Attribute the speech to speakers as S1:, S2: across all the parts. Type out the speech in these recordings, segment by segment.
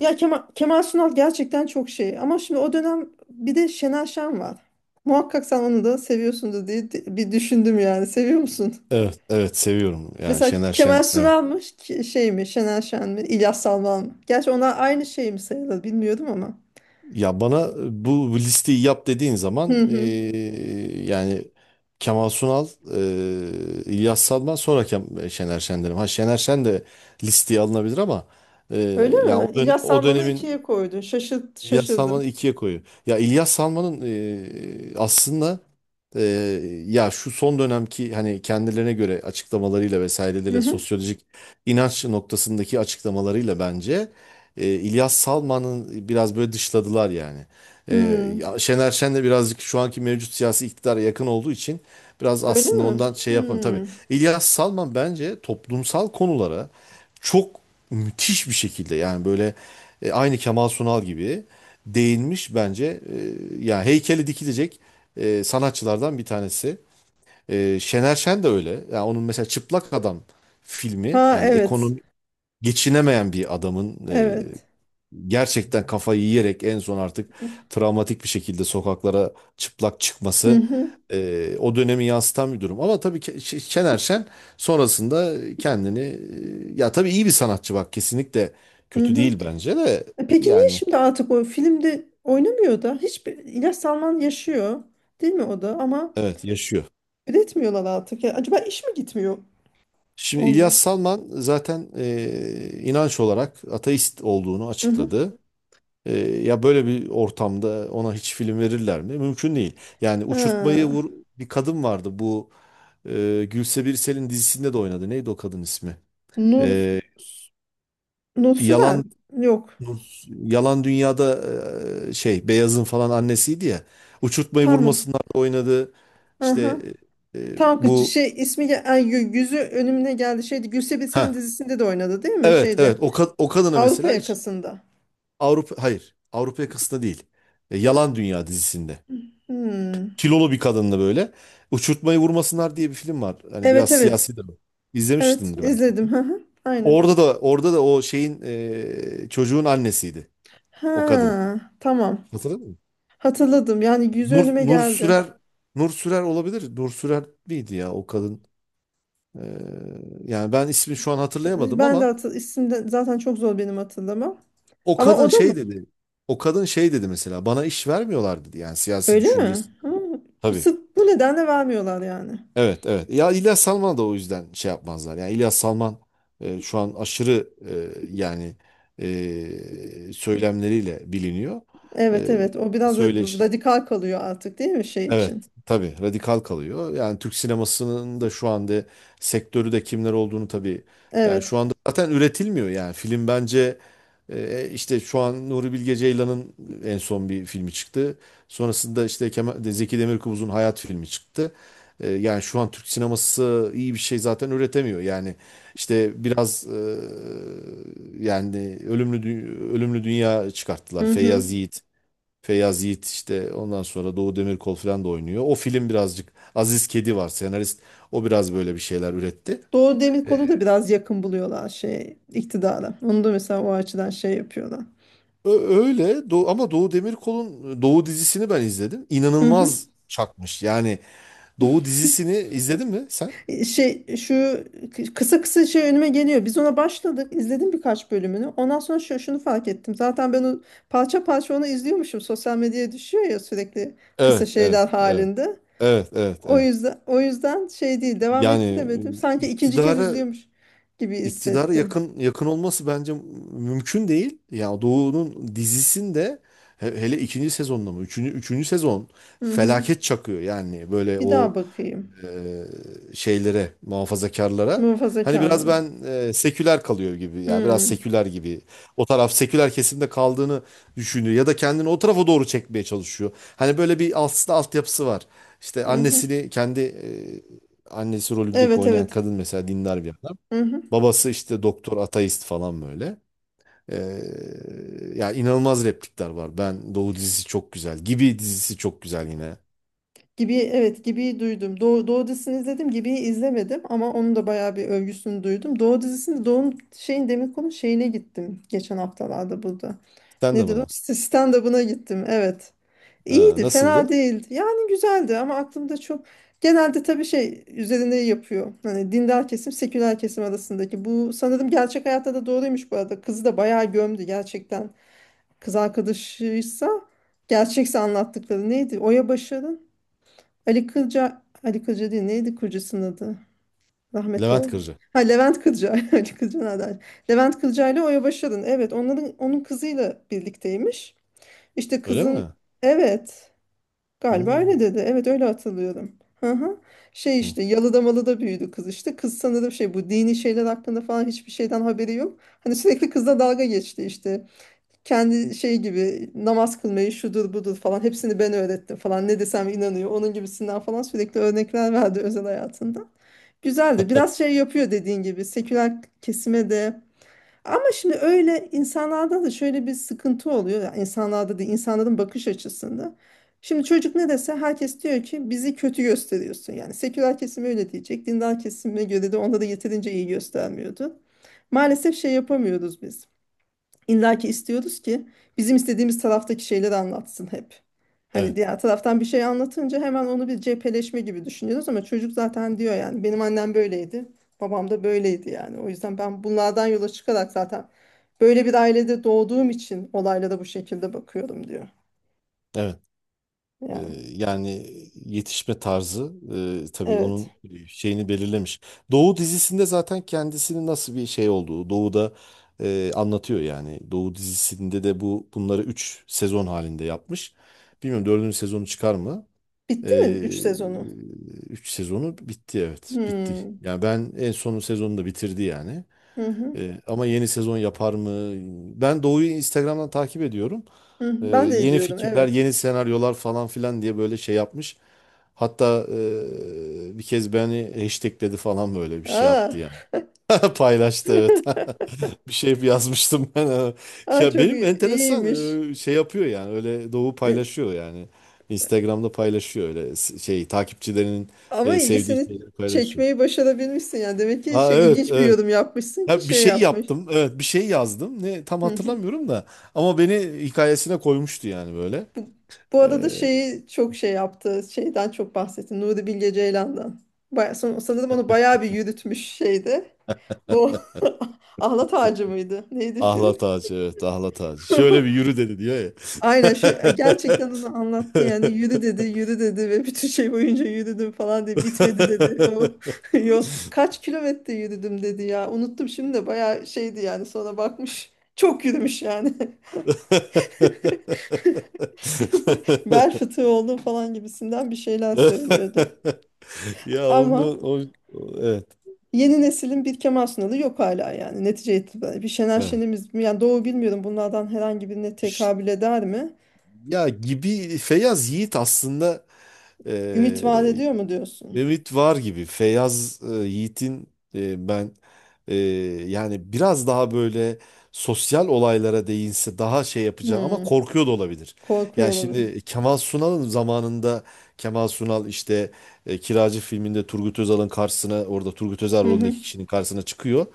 S1: Ya Kemal Sunal gerçekten çok şey. Ama şimdi o dönem bir de Şener Şen var. Muhakkak sen onu da seviyorsundur diye bir düşündüm yani. Seviyor musun?
S2: Evet. Evet. Seviyorum. Yani
S1: Mesela
S2: Şener
S1: Kemal
S2: Şen. Evet.
S1: Sunal mı şey mi Şener Şen mi İlyas Salman mı? Gerçi onlar aynı şey mi sayılır bilmiyordum ama.
S2: Ya bana bu listeyi yap dediğin zaman
S1: Hı hı.
S2: yani Kemal Sunal, İlyas Salman sonra Şener Şen derim. Ha Şener Şen de listeye alınabilir ama
S1: Öyle
S2: ya
S1: mi?
S2: o dönem
S1: İlyas
S2: o
S1: Salman'ı
S2: dönemin
S1: ikiye koydu.
S2: İlyas
S1: Şaşırdım.
S2: Salman'ı ikiye koyuyor. Ya İlyas Salman'ın aslında e, ya şu son dönemki hani kendilerine göre açıklamalarıyla
S1: Hı
S2: vesaireleriyle
S1: hı.
S2: sosyolojik inanç noktasındaki açıklamalarıyla bence İlyas Salman'ın biraz böyle dışladılar yani. E,
S1: Hmm.
S2: Ya Şener Şen de birazcık şu anki mevcut siyasi iktidara yakın olduğu için biraz
S1: Öyle
S2: aslında
S1: mi?
S2: ondan şey yapamıyor. Tabii
S1: Hmm.
S2: İlyas Salman bence toplumsal konulara çok müthiş bir şekilde yani böyle aynı Kemal Sunal gibi değinmiş bence. Yani heykeli dikilecek sanatçılardan bir tanesi. Şener Şen de öyle. Yani onun mesela Çıplak Adam filmi
S1: Ha,
S2: yani
S1: evet.
S2: ekonomi geçinemeyen bir adamın
S1: Evet.
S2: gerçekten kafayı yiyerek en son artık travmatik bir şekilde sokaklara çıplak
S1: Hı
S2: çıkması
S1: hı.
S2: o dönemi yansıtan bir durum. Ama tabii Şener Şen sonrasında kendini ya tabii iyi bir sanatçı bak, kesinlikle
S1: Hı
S2: kötü
S1: hı.
S2: değil bence de.
S1: E, peki niye
S2: Yani
S1: şimdi artık o filmde oynamıyor da? Hiçbir İlyas Salman yaşıyor, değil mi o da? Ama
S2: evet, yaşıyor.
S1: üretmiyorlar artık. Ya, acaba iş mi gitmiyor
S2: Şimdi
S1: onunla?
S2: İlyas Salman zaten inanç olarak ateist olduğunu
S1: Hı hı.
S2: açıkladı. Ya böyle bir ortamda ona hiç film verirler mi? Mümkün değil. Yani uçurtmayı
S1: Ha.
S2: vur, bir kadın vardı bu, Gülse Birsel'in dizisinde de oynadı. Neydi o kadın ismi?
S1: Nur,
S2: E,
S1: Nur Sürer.
S2: Yalan
S1: Yok.
S2: Yalan Dünya'da şey, Beyaz'ın falan annesiydi ya. Uçurtmayı
S1: Tamam.
S2: vurmasınlar da oynadı. İşte
S1: Aha. Tamam kız
S2: bu,
S1: şey ismi ay, yüzü önümüne geldi. Şeydi Gülse Birsel'in
S2: ha
S1: dizisinde de oynadı değil mi?
S2: evet
S1: Şeyde
S2: evet, o kadına
S1: Avrupa
S2: mesela,
S1: yakasında.
S2: Avrupa, hayır. Avrupa yakasında değil.
S1: Ya.
S2: Yalan Dünya dizisinde.
S1: Hmm.
S2: Kilolu bir kadınla böyle. Uçurtmayı vurmasınlar diye bir film var. Hani biraz
S1: Evet, evet.
S2: siyasi de bu.
S1: Evet,
S2: İzlemişsindir belki.
S1: izledim. Hı hı. Aynen.
S2: Orada da o şeyin, çocuğun annesiydi o kadın.
S1: Ha, tamam.
S2: Hatırladın mı?
S1: Hatırladım. Yani yüzü
S2: Nur
S1: önüme
S2: Nur
S1: geldi.
S2: Sürer Nur Sürer olabilir. Nur Sürer miydi ya o kadın? E, Yani ben ismini şu an hatırlayamadım
S1: Ben de
S2: ama
S1: isim de zaten çok zor benim hatırlamam.
S2: o
S1: Ama
S2: kadın
S1: o da mı?
S2: şey dedi. O kadın şey dedi mesela, bana iş vermiyorlar dedi. Yani siyasi
S1: Öyle
S2: düşüncesi.
S1: mi? Ha.
S2: Tabii.
S1: Sırf bu nedenle vermiyorlar yani.
S2: Evet, evet. Ya İlyas Salman'a da o yüzden şey yapmazlar. Yani İlyas Salman şu an aşırı, yani söylemleriyle biliniyor. E,
S1: Evet, evet, o biraz da
S2: söyleş
S1: radikal kalıyor artık değil mi şey
S2: Evet,
S1: için?
S2: tabii radikal kalıyor. Yani Türk sinemasının da şu anda sektörü de kimler olduğunu tabii, yani
S1: Evet.
S2: şu anda zaten üretilmiyor yani film bence. İşte şu an Nuri Bilge Ceylan'ın en son bir filmi çıktı. Sonrasında işte Zeki Demirkubuz'un Hayat filmi çıktı. Yani şu an Türk sineması iyi bir şey zaten üretemiyor. Yani işte biraz, yani Ölümlü Dünya
S1: Hı
S2: çıkarttılar.
S1: hı.
S2: Feyyaz Yiğit işte, ondan sonra Doğu Demirkol falan da oynuyor. O film birazcık, Aziz Kedi var senarist. O biraz böyle bir şeyler üretti.
S1: Doğu
S2: E,
S1: Demirkol'u da biraz yakın buluyorlar şey iktidara. Onu da mesela o açıdan şey yapıyorlar.
S2: Ö- Öyle Doğu, ama Doğu Demirkol'un Doğu dizisini ben izledim.
S1: Hı hı.
S2: İnanılmaz çakmış. Yani Doğu dizisini izledin mi sen?
S1: Şey şu kısa kısa şey önüme geliyor. Biz ona başladık, izledim birkaç bölümünü. Ondan sonra şunu fark ettim. Zaten ben o parça parça onu izliyormuşum. Sosyal medyaya düşüyor ya sürekli kısa
S2: Evet,
S1: şeyler
S2: evet, evet.
S1: halinde.
S2: Evet, evet,
S1: O
S2: evet.
S1: yüzden o yüzden şey değil, devam
S2: Yani
S1: ettiremedim.
S2: e,
S1: Sanki ikinci kez
S2: iktidara
S1: izliyormuş gibi
S2: iktidara
S1: hissettim.
S2: yakın olması bence mümkün değil. Ya Doğu'nun dizisinde hele ikinci sezonda mı? Üçüncü sezon
S1: Hı hı.
S2: felaket çakıyor yani böyle
S1: Bir daha
S2: o,
S1: bakayım.
S2: e, şeylere, muhafazakarlara. Hani biraz
S1: Muhafazakarlarım.
S2: ben seküler kalıyor gibi, ya biraz
S1: Hı
S2: seküler gibi. O taraf seküler kesimde kaldığını düşünüyor ya da kendini o tarafa doğru çekmeye çalışıyor. Hani böyle bir aslında altyapısı var. İşte
S1: hı.
S2: annesini kendi, annesi rolündeki
S1: Evet,
S2: oynayan
S1: evet.
S2: kadın mesela, dindar bir adam.
S1: Hı hı.
S2: Babası işte doktor, ateist falan böyle. Ee, Ya inanılmaz replikler var. Ben, Doğu dizisi çok güzel. Gibi dizisi çok güzel yine.
S1: Gibi, evet, gibi duydum. Doğu dizisini izledim gibi izlemedim ama onun da bayağı bir övgüsünü duydum. Doğu dizisinde Doğu'nun şeyin demin konu şeyine gittim geçen haftalarda burada.
S2: Sen de
S1: Nedir o?
S2: bana.
S1: Stand-up'ına gittim, evet. İyiydi, fena
S2: Nasıldı?
S1: değildi. Yani güzeldi ama aklımda çok genelde tabii şey üzerine yapıyor. Hani dindar kesim seküler kesim arasındaki bu, sanırım gerçek hayatta da doğruymuş bu arada. Kızı da bayağı gömdü gerçekten. Kız arkadaşıysa gerçekse anlattıkları neydi? Oya Başar'ın Ali Kılca, Ali Kılca değil, neydi kurucusunun adı? Rahmetli
S2: Levent
S1: oldu.
S2: Kırcı.
S1: Ha, Levent Kılca. Ali Kılca nerede? Levent Kılca ile Oya Başarın. Evet, onların, onun kızıyla birlikteymiş. İşte
S2: Öyle
S1: kızın,
S2: mi?
S1: evet, galiba
S2: Hmm,
S1: öyle dedi. Evet, öyle hatırlıyorum. Hı hı. Şey
S2: hmm.
S1: işte yalıda malıda büyüdü kız işte. Kız sanırım şey bu dini şeyler hakkında falan hiçbir şeyden haberi yok. Hani sürekli kızla dalga geçti işte kendi şey gibi namaz kılmayı şudur budur falan hepsini ben öğrettim falan ne desem inanıyor onun gibisinden falan sürekli örnekler verdi özel hayatında. Güzeldi, biraz şey yapıyor dediğin gibi seküler kesime de ama şimdi öyle insanlarda da şöyle bir sıkıntı oluyor, yani insanlarda değil insanların bakış açısında. Şimdi çocuk ne dese herkes diyor ki bizi kötü gösteriyorsun, yani seküler kesim öyle diyecek, dindar kesime göre de onda da yeterince iyi göstermiyordu. Maalesef şey yapamıyoruz biz. İlla ki istiyoruz ki bizim istediğimiz taraftaki şeyleri anlatsın hep. Hani
S2: Evet.
S1: diğer taraftan bir şey anlatınca hemen onu bir cepheleşme gibi düşünüyoruz ama çocuk zaten diyor yani benim annem böyleydi, babam da böyleydi yani. O yüzden ben bunlardan yola çıkarak zaten böyle bir ailede doğduğum için olaylara bu şekilde bakıyorum diyor.
S2: Evet. Ee,
S1: Yani,
S2: Yani yetişme tarzı, tabii
S1: evet.
S2: onun şeyini belirlemiş. Doğu dizisinde zaten kendisinin nasıl bir şey olduğu Doğu'da anlatıyor yani. Doğu dizisinde de bunları 3 sezon halinde yapmış. Bilmiyorum, dördüncü sezonu çıkar mı?
S1: Bitti mi 3 sezonu?
S2: 3 sezonu bitti, evet bitti.
S1: Hmm.
S2: Yani ben en son sezonu da bitirdi yani.
S1: Hı hı.
S2: Ama yeni sezon yapar mı? Ben Doğu'yu Instagram'dan takip ediyorum.
S1: Hı. Ben de
S2: Yeni
S1: ediyorum,
S2: fikirler,
S1: evet.
S2: yeni senaryolar falan filan diye böyle şey yapmış. Hatta bir kez beni hashtagledi falan, böyle bir şey yaptı
S1: Aa,
S2: yani. Paylaştı, evet. Bir şey yazmıştım ben.
S1: aa,
S2: Ya
S1: çok
S2: benim enteresan,
S1: iyiymiş.
S2: şey yapıyor yani, öyle Doğu paylaşıyor yani. Instagram'da paylaşıyor, öyle şey takipçilerinin
S1: Ama
S2: sevdiği
S1: ilgisini
S2: şeyleri paylaşıyor.
S1: çekmeyi başarabilmişsin yani. Demek ki
S2: Aa
S1: şey
S2: evet,
S1: ilginç bir
S2: evet.
S1: yorum yapmışsın ki
S2: Ya bir
S1: şey
S2: şey
S1: yapmış.
S2: yaptım. Evet, bir şey yazdım. Ne tam
S1: Hı hı.
S2: hatırlamıyorum da ama beni hikayesine koymuştu yani böyle.
S1: Bu, Bu
S2: E,
S1: arada şeyi çok şey yaptı. Şeyden çok bahsettin. Nuri Bilge Ceylan'dan. Baya, sanırım onu bayağı bir yürütmüş şeydi. O Ahlat Ağacı mıydı? Neydi film?
S2: Ahlat Ağacı, evet, Ahlat Ağacı. Şöyle bir yürü dedi diyor
S1: Aynen şu gerçekten onu anlattı yani yürü dedi yürü dedi ve bütün şey boyunca yürüdüm falan diye
S2: ya.
S1: bitmedi dedi. O yol kaç kilometre yürüdüm dedi ya unuttum şimdi de bayağı şeydi yani sonra bakmış çok yürümüş yani. Bel fıtığı oldum falan gibisinden bir şeyler söylüyordu.
S2: Ya
S1: Ama
S2: onu evet,
S1: yeni neslin bir Kemal Sunal'ı yok hala yani netice itibariyle. Bir Şener
S2: evet.
S1: Şen'imiz mi? Yani doğru bilmiyorum bunlardan herhangi birine
S2: Ş-
S1: tekabül eder mi?
S2: Ya gibi Feyyaz Yiğit aslında.
S1: Ümit vaat ediyor mu diyorsun?
S2: Evet, var gibi. Yiğit'in, ben, e, yani biraz daha böyle sosyal olaylara değinse daha şey yapacağını, ama
S1: Hmm.
S2: korkuyor da olabilir.
S1: Korkuyor
S2: Yani
S1: olabilir.
S2: şimdi Kemal Sunal'ın zamanında Kemal Sunal işte Kiracı filminde Turgut Özal'ın karşısına, orada Turgut Özal
S1: Hı hı.
S2: rolündeki kişinin karşısına çıkıyor.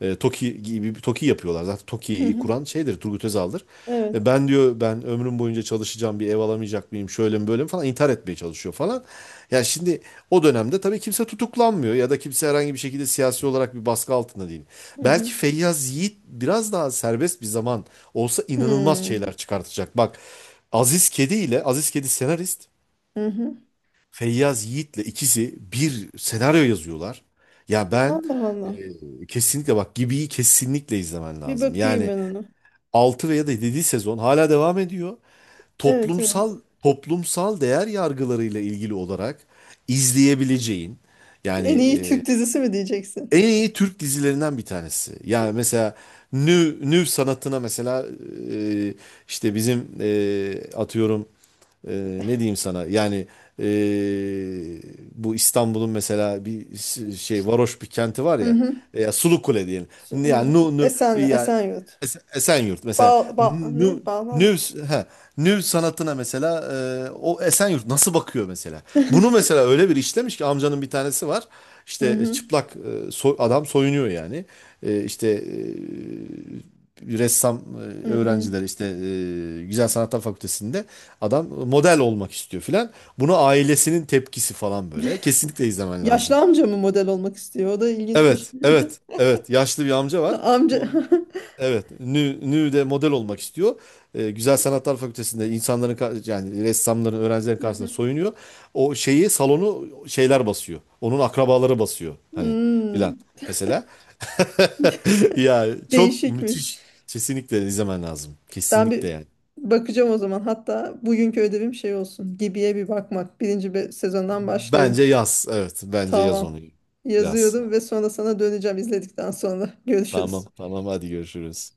S2: Toki gibi bir yapıyorlar. Zaten
S1: Hı
S2: Toki'yi
S1: hı.
S2: kuran şeydir, Turgut Özal'dır.
S1: Evet.
S2: Ben diyor, ben ömrüm boyunca çalışacağım bir ev alamayacak mıyım, şöyle mi böyle mi falan, intihar etmeye çalışıyor falan. Yani şimdi o dönemde tabii kimse tutuklanmıyor ya da kimse herhangi bir şekilde siyasi olarak bir baskı altında değil.
S1: Hı
S2: Belki
S1: hı.
S2: Feyyaz Yiğit biraz daha serbest bir zaman olsa inanılmaz
S1: Hı
S2: şeyler çıkartacak. Bak, Aziz Kedi senarist,
S1: hı. Hı.
S2: Feyyaz Yiğit'le ikisi bir senaryo yazıyorlar. Ya ben
S1: Allah Allah.
S2: Kesinlikle bak, Gibi'yi kesinlikle izlemen
S1: Bir
S2: lazım.
S1: bakayım
S2: Yani
S1: ben onu.
S2: 6 veya da 7. sezon hala devam ediyor.
S1: Evet, evet.
S2: Toplumsal değer yargılarıyla ilgili olarak izleyebileceğin yani,
S1: En iyi Türk dizisi mi diyeceksin?
S2: en iyi Türk dizilerinden bir tanesi. Yani mesela nü sanatına mesela, e, işte bizim, atıyorum, e, ne diyeyim sana yani, e, bu İstanbul'un mesela bir şey varoş bir kenti var
S1: Hı
S2: ya,
S1: hı.
S2: Sulukule diyelim.
S1: Hı
S2: Yani
S1: hı.
S2: ya
S1: Esenyurt.
S2: Esenyurt mesela,
S1: Ne? Bağlar.
S2: nüv, he, nüv sanatına mesela, o Esenyurt nasıl bakıyor mesela? Bunu mesela öyle bir işlemiş ki, amcanın bir tanesi var.
S1: Hı
S2: İşte
S1: hı.
S2: çıplak, adam soyunuyor yani. İşte bir ressam,
S1: Hı hı.
S2: öğrenciler işte Güzel Sanatlar Fakültesi'nde adam model olmak istiyor filan. Bunu ailesinin tepkisi falan böyle. Kesinlikle izlemen
S1: Yaşlı
S2: lazım.
S1: amca mı model olmak istiyor? O da ilginçmiş.
S2: Evet, evet, evet. Yaşlı bir amca var.
S1: Amca.
S2: Evet, Nü'de model olmak istiyor. Güzel Sanatlar Fakültesi'nde insanların yani ressamların, öğrencilerin
S1: Hı
S2: karşısında
S1: hı.
S2: soyunuyor. O şeyi, salonu şeyler basıyor. Onun akrabaları basıyor hani filan
S1: Hmm,
S2: mesela. Ya çok
S1: değişikmiş.
S2: müthiş. Kesinlikle izlemen lazım.
S1: Ben
S2: Kesinlikle
S1: bir
S2: yani.
S1: bakacağım o zaman. Hatta bugünkü ödevim şey olsun. Gibi'ye bir bakmak. Birinci sezondan başlayayım.
S2: Bence yaz. Evet, bence yaz onu.
S1: Tamam.
S2: Yaz.
S1: Yazıyordum ve sonra sana döneceğim izledikten sonra.
S2: Tamam,
S1: Görüşürüz.
S2: tamam, hadi görüşürüz.